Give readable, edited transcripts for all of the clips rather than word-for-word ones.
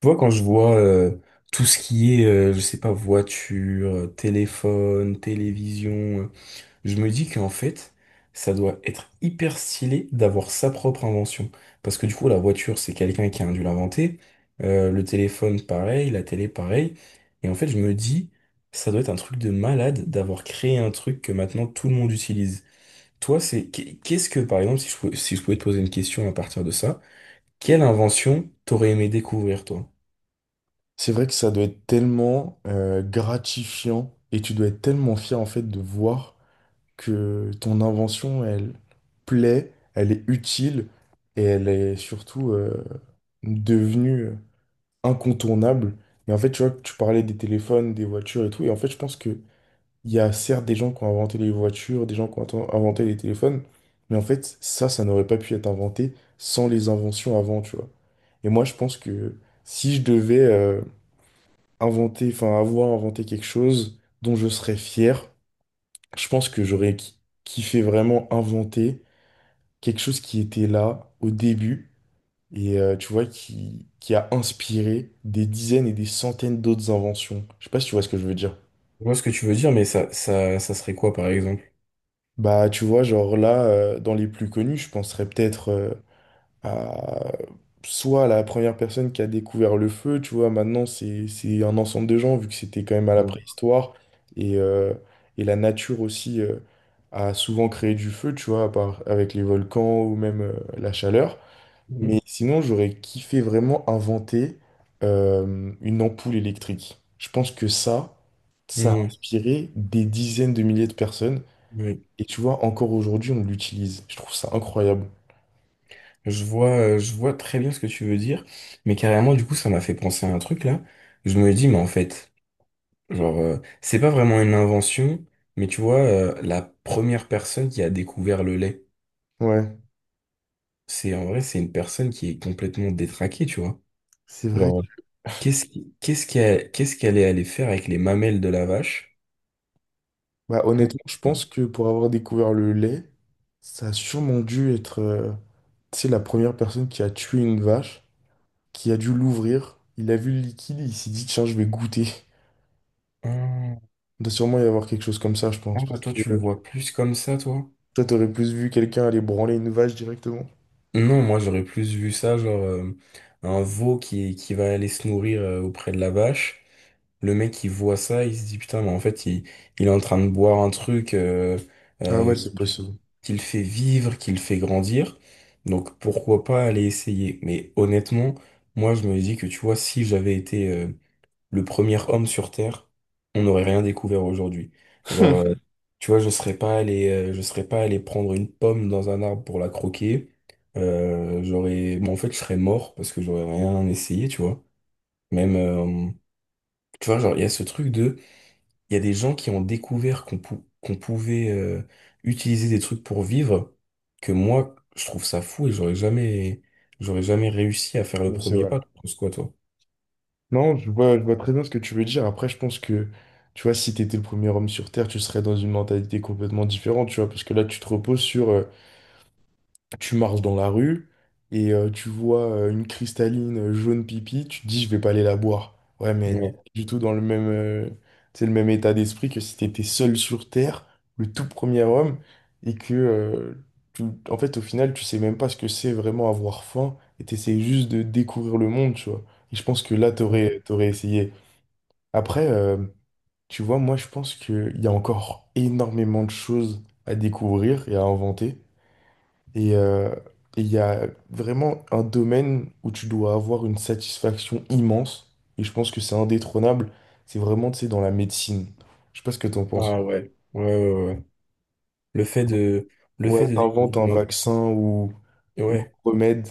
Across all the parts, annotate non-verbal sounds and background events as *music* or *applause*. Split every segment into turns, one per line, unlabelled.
Tu vois, quand je vois tout ce qui est, je sais pas, voiture, téléphone, télévision, je me dis qu'en fait, ça doit être hyper stylé d'avoir sa propre invention. Parce que du coup, la voiture, c'est quelqu'un qui a dû l'inventer. Le téléphone, pareil. La télé, pareil. Et en fait, je me dis, ça doit être un truc de malade d'avoir créé un truc que maintenant tout le monde utilise. Toi, c'est qu'est-ce que, par exemple, si je pouvais te poser une question à partir de ça, quelle invention t'aurais aimé découvrir, toi?
C'est vrai que ça doit être tellement gratifiant et tu dois être tellement fier en fait de voir que ton invention, elle plaît, elle est utile et elle est surtout devenue incontournable. Mais en fait, tu vois, tu parlais des téléphones, des voitures et tout. Et en fait, je pense que il y a certes des gens qui ont inventé les voitures, des gens qui ont inventé les téléphones, mais en fait, ça n'aurait pas pu être inventé sans les inventions avant, tu vois. Et moi, je pense que si je devais inventer, enfin avoir inventé quelque chose dont je serais fier. Je pense que j'aurais kiffé vraiment inventer quelque chose qui était là au début et tu vois qui a inspiré des dizaines et des centaines d'autres inventions. Je sais pas si tu vois ce que je veux dire.
Je vois ce que tu veux dire, mais ça serait quoi, par exemple?
Bah tu vois genre là dans les plus connus, je penserais peut-être à soit la première personne qui a découvert le feu, tu vois, maintenant c'est un ensemble de gens, vu que c'était quand même à la
Oui.
préhistoire, et, euh, et la nature aussi a souvent créé du feu, tu vois, avec les volcans ou même la chaleur.
Mhm.
Mais sinon, j'aurais kiffé vraiment inventer une ampoule électrique. Je pense que ça a
Mhm.
inspiré des dizaines de milliers de personnes.
Oui.
Et tu vois, encore aujourd'hui, on l'utilise. Je trouve ça incroyable.
Je vois très bien ce que tu veux dire, mais carrément, du coup, ça m'a fait penser à un truc là. Je me dis, mais en fait, genre, c'est pas vraiment une invention, mais tu vois, la première personne qui a découvert le lait,
Ouais,
c'est en vrai, c'est une personne qui est complètement détraquée, tu vois.
c'est vrai.
Genre, qu'est-ce qu'elle est allée faire avec les mamelles de la vache
Bah,
pour...
honnêtement, je pense que pour avoir découvert le lait, ça a sûrement dû être tu sais, la première personne qui a tué une vache, qui a dû l'ouvrir. Il a vu le liquide, il s'est dit, tiens, je vais goûter.
Ah,
Il doit sûrement y avoir quelque chose comme ça, je pense.
ah,
Parce
toi, tu le
que
vois plus comme ça, toi?
toi, t'aurais plus vu quelqu'un aller branler une vache directement.
Non, moi j'aurais plus vu ça, genre un veau qui va aller se nourrir auprès de la vache. Le mec il voit ça, il se dit putain, mais en fait il est en train de boire un truc
Ah ouais,
euh, qui,
c'est
le fait
possible.
qui le fait vivre, qui le fait grandir. Donc pourquoi pas aller essayer. Mais honnêtement, moi je me dis que tu vois, si j'avais été le premier homme sur Terre, on n'aurait rien découvert aujourd'hui. Genre,
*laughs*
tu vois, je serais pas allé prendre une pomme dans un arbre pour la croquer. J'aurais, bon, en fait, je serais mort parce que j'aurais rien essayé, tu vois. Même, tu vois, genre, il y a des gens qui ont découvert qu'on pouvait utiliser des trucs pour vivre, que moi, je trouve ça fou et j'aurais jamais réussi à faire le
Mais c'est
premier
vrai.
pas. Tu penses quoi, toi?
Non, je vois très bien ce que tu veux dire. Après, je pense que, tu vois, si t'étais le premier homme sur Terre, tu serais dans une mentalité complètement différente, tu vois, parce que là, tu te reposes sur tu marches dans la rue et tu vois une cristalline jaune pipi, tu te dis je vais pas aller la boire. Ouais, mais t'es
Ouais.
pas du tout dans le même, tu sais, le même état d'esprit que si t'étais seul sur Terre, le tout premier homme, et que tu- en fait au final tu sais même pas ce que c'est vraiment avoir faim et t'essayes juste de découvrir le monde, tu vois. Et je pense que là t'aurais essayé. Après, tu vois, moi je pense qu'il y a encore énormément de choses à découvrir et à inventer. Et il y a vraiment un domaine où tu dois avoir une satisfaction immense. Et je pense que c'est indétrônable. C'est vraiment, tu sais, dans la médecine. Je sais pas ce que t'en penses.
Ah ouais. Ouais, ouais, ouais. Le fait de, le fait
Ouais,
de
t'inventes un
découvrir,
vaccin ou un
ouais,
remède.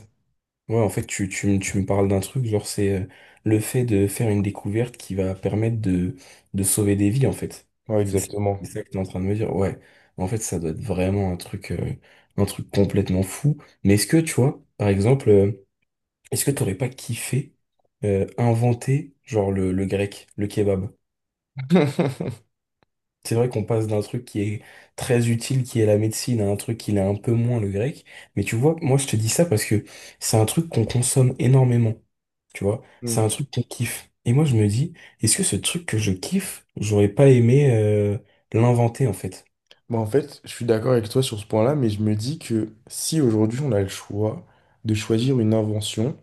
ouais, en fait, tu me parles d'un truc, genre, c'est le fait de faire une découverte qui va permettre de sauver des vies, en fait.
Ouais,
C'est ça
exactement.
c'est ça que tu es en train de me dire, ouais. En fait, ça doit être vraiment un truc complètement fou. Mais est-ce que, tu vois, par exemple, est-ce que t'aurais pas kiffé inventer, genre, le grec, le kebab?
*laughs*
C'est vrai qu'on passe d'un truc qui est très utile, qui est la médecine, à un truc qui l'est un peu moins, le grec. Mais tu vois, moi je te dis ça parce que c'est un truc qu'on consomme énormément. Tu vois, c'est un
Hmm.
truc qu'on kiffe. Et moi je me dis, est-ce que ce truc que je kiffe, j'aurais pas aimé l'inventer en fait?
Bah, en fait, je suis d'accord avec toi sur ce point-là, mais je me dis que si aujourd'hui on a le choix de choisir une invention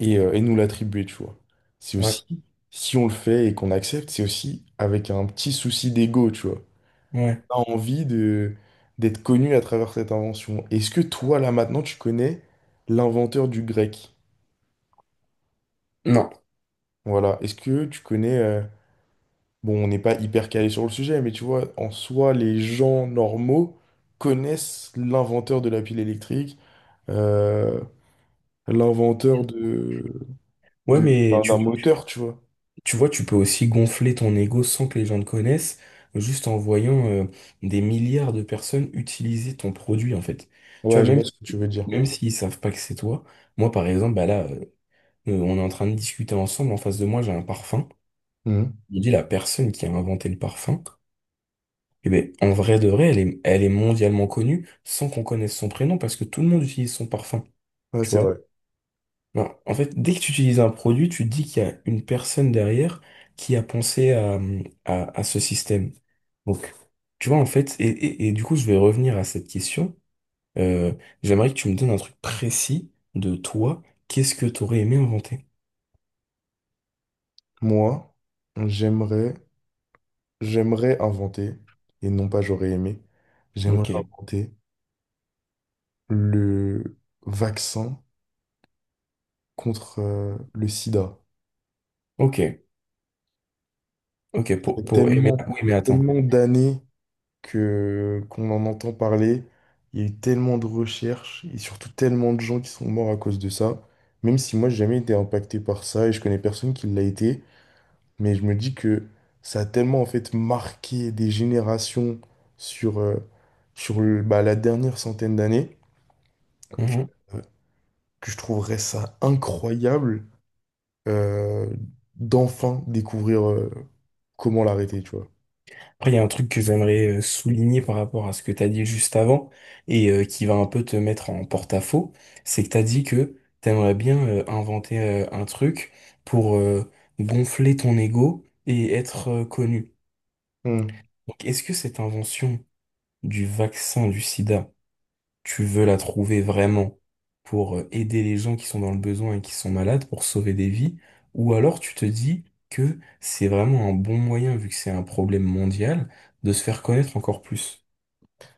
et nous l'attribuer, tu vois, c'est
Ouais,
aussi, si on le fait et qu'on accepte, c'est aussi avec un petit souci d'ego, tu vois.
ouais.
A envie de d'être connu à travers cette invention. Est-ce que toi, là, maintenant, tu connais l'inventeur du grec?
Non.
Voilà. Est-ce que tu connais... Bon, on n'est pas hyper calé sur le sujet, mais tu vois, en soi, les gens normaux connaissent l'inventeur de la pile électrique, euh, l'inventeur de,
Ouais, mais
d'un moteur, tu vois.
tu vois, tu peux aussi gonfler ton ego sans que les gens le connaissent, juste en voyant des milliards de personnes utiliser ton produit en fait. Tu vois,
Ouais, je
même
vois ce que tu veux dire.
Même s'ils savent pas que c'est toi, moi par exemple, bah là, on est en train de discuter ensemble, en face de moi j'ai un parfum.
Mhm.
Je dis la personne qui a inventé le parfum, eh ben, en vrai de vrai, elle est mondialement connue sans qu'on connaisse son prénom parce que tout le monde utilise son parfum,
Ouais,
tu
c'est vrai.
vois. Non, en fait, dès que tu utilises un produit, tu te dis qu'il y a une personne derrière qui a pensé à ce système. Donc, tu vois, en fait, et du coup, je vais revenir à cette question. Euh, J'aimerais que tu me donnes un truc précis de toi. Qu'est-ce que tu aurais aimé inventer?
Moi, j'aimerais, j'aimerais inventer, et non pas j'aurais aimé, j'aimerais
Ok,
inventer le vaccin contre le sida.
ok, ok,
Ça fait
pour aimer.
tellement,
Oui, mais attends.
tellement d'années que qu'on en entend parler. Il y a eu tellement de recherches et surtout tellement de gens qui sont morts à cause de ça. Même si moi, j'ai jamais été impacté par ça et je connais personne qui l'a été. Mais je me dis que ça a tellement en fait marqué des générations sur, bah, la dernière centaine d'années que,
Mhm.
euh, que je trouverais ça incroyable euh, d'enfin découvrir comment l'arrêter, tu vois.
Après, il y a un truc que j'aimerais souligner par rapport à ce que tu as dit juste avant et qui va un peu te mettre en porte-à-faux. C'est que tu as dit que tu aimerais bien inventer un truc pour gonfler ton ego et être connu.
Hmm.
Donc, est-ce que cette invention du vaccin du sida, tu veux la trouver vraiment pour aider les gens qui sont dans le besoin et qui sont malades, pour sauver des vies, ou alors tu te dis que c'est vraiment un bon moyen, vu que c'est un problème mondial, de se faire connaître encore plus.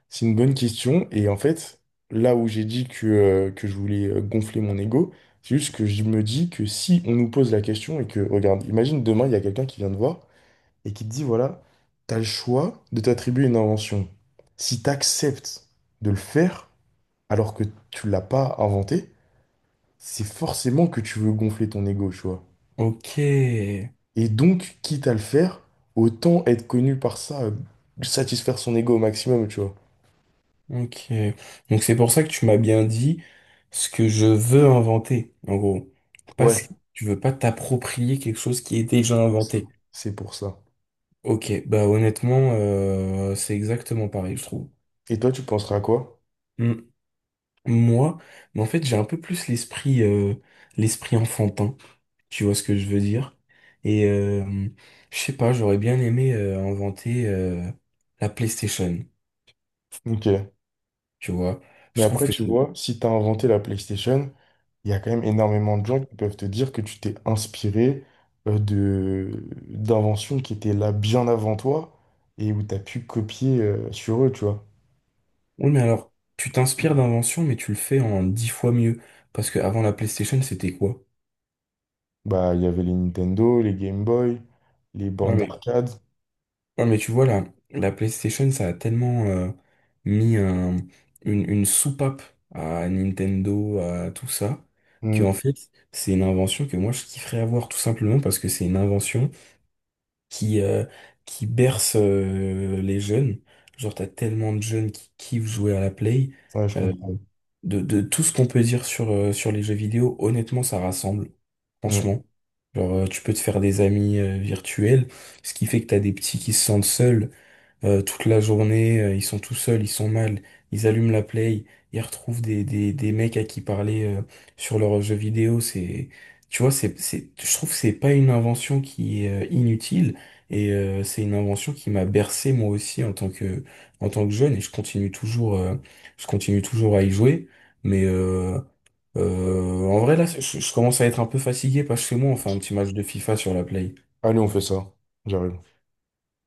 C'est une bonne question. Et en fait, là où j'ai dit que je voulais gonfler mon ego, c'est juste que je me dis que si on nous pose la question et que, regarde, imagine demain, il y a quelqu'un qui vient te voir et qui te dit, voilà, t'as le choix de t'attribuer une invention. Si t'acceptes de le faire alors que tu l'as pas inventé, c'est forcément que tu veux gonfler ton ego, tu vois.
Ok,
Et donc, quitte à le faire, autant être connu par ça, satisfaire son ego au maximum, tu vois.
ok. Donc c'est pour ça que tu m'as bien dit ce que je veux inventer, en gros.
Ouais,
Parce que tu veux pas t'approprier quelque chose qui est déjà
c'est pour ça.
inventé.
C'est pour ça.
Ok, bah honnêtement, c'est exactement pareil, je trouve.
Et toi, tu penseras à quoi?
Mm, Moi, mais en fait, j'ai un peu plus l'esprit l'esprit enfantin, tu vois ce que je veux dire. Et je sais pas, j'aurais bien aimé inventer la PlayStation,
Ok.
tu vois.
Mais
Je trouve
après,
que
tu
c'est...
vois, si t'as inventé la PlayStation, il y a quand même énormément de gens qui peuvent te dire que tu t'es inspiré de d'inventions qui étaient là bien avant toi et où t'as pu copier sur eux, tu vois.
Oui, mais alors, tu t'inspires d'inventions mais tu le fais en 10 fois mieux. Parce que avant la PlayStation, c'était quoi?
Bah, il y avait les Nintendo, les Game Boy, les bandes
Ouais,
d'arcade.
Ouais, mais tu vois, la PlayStation, ça a tellement mis une soupape à Nintendo, à tout ça, que en
Hmm.
fait, c'est une invention que moi, je kifferais avoir tout simplement parce que c'est une invention qui, euh, qui berce les jeunes. Genre, t'as tellement de jeunes qui kiffent jouer à la Play.
Ouais, je
euh,
comprends.
de tout ce qu'on peut dire sur, sur les jeux vidéo, honnêtement, ça rassemble.
Mm.
Franchement. Genre, tu peux te faire des amis virtuels, ce qui fait que t'as des petits qui se sentent seuls. Toute la journée, ils sont tout seuls, ils sont mal, ils allument la play, ils retrouvent des mecs à qui parler sur leurs jeux vidéo, c'est, tu vois, c'est, je trouve que c'est pas une invention qui est inutile, et c'est une invention qui m'a bercé moi aussi en tant que jeune, et je continue toujours à y jouer, mais en vrai là, je commence à être un peu fatigué, parce que moi, on fait un petit match de FIFA sur la play.
Allez, on fait ça. J'arrive.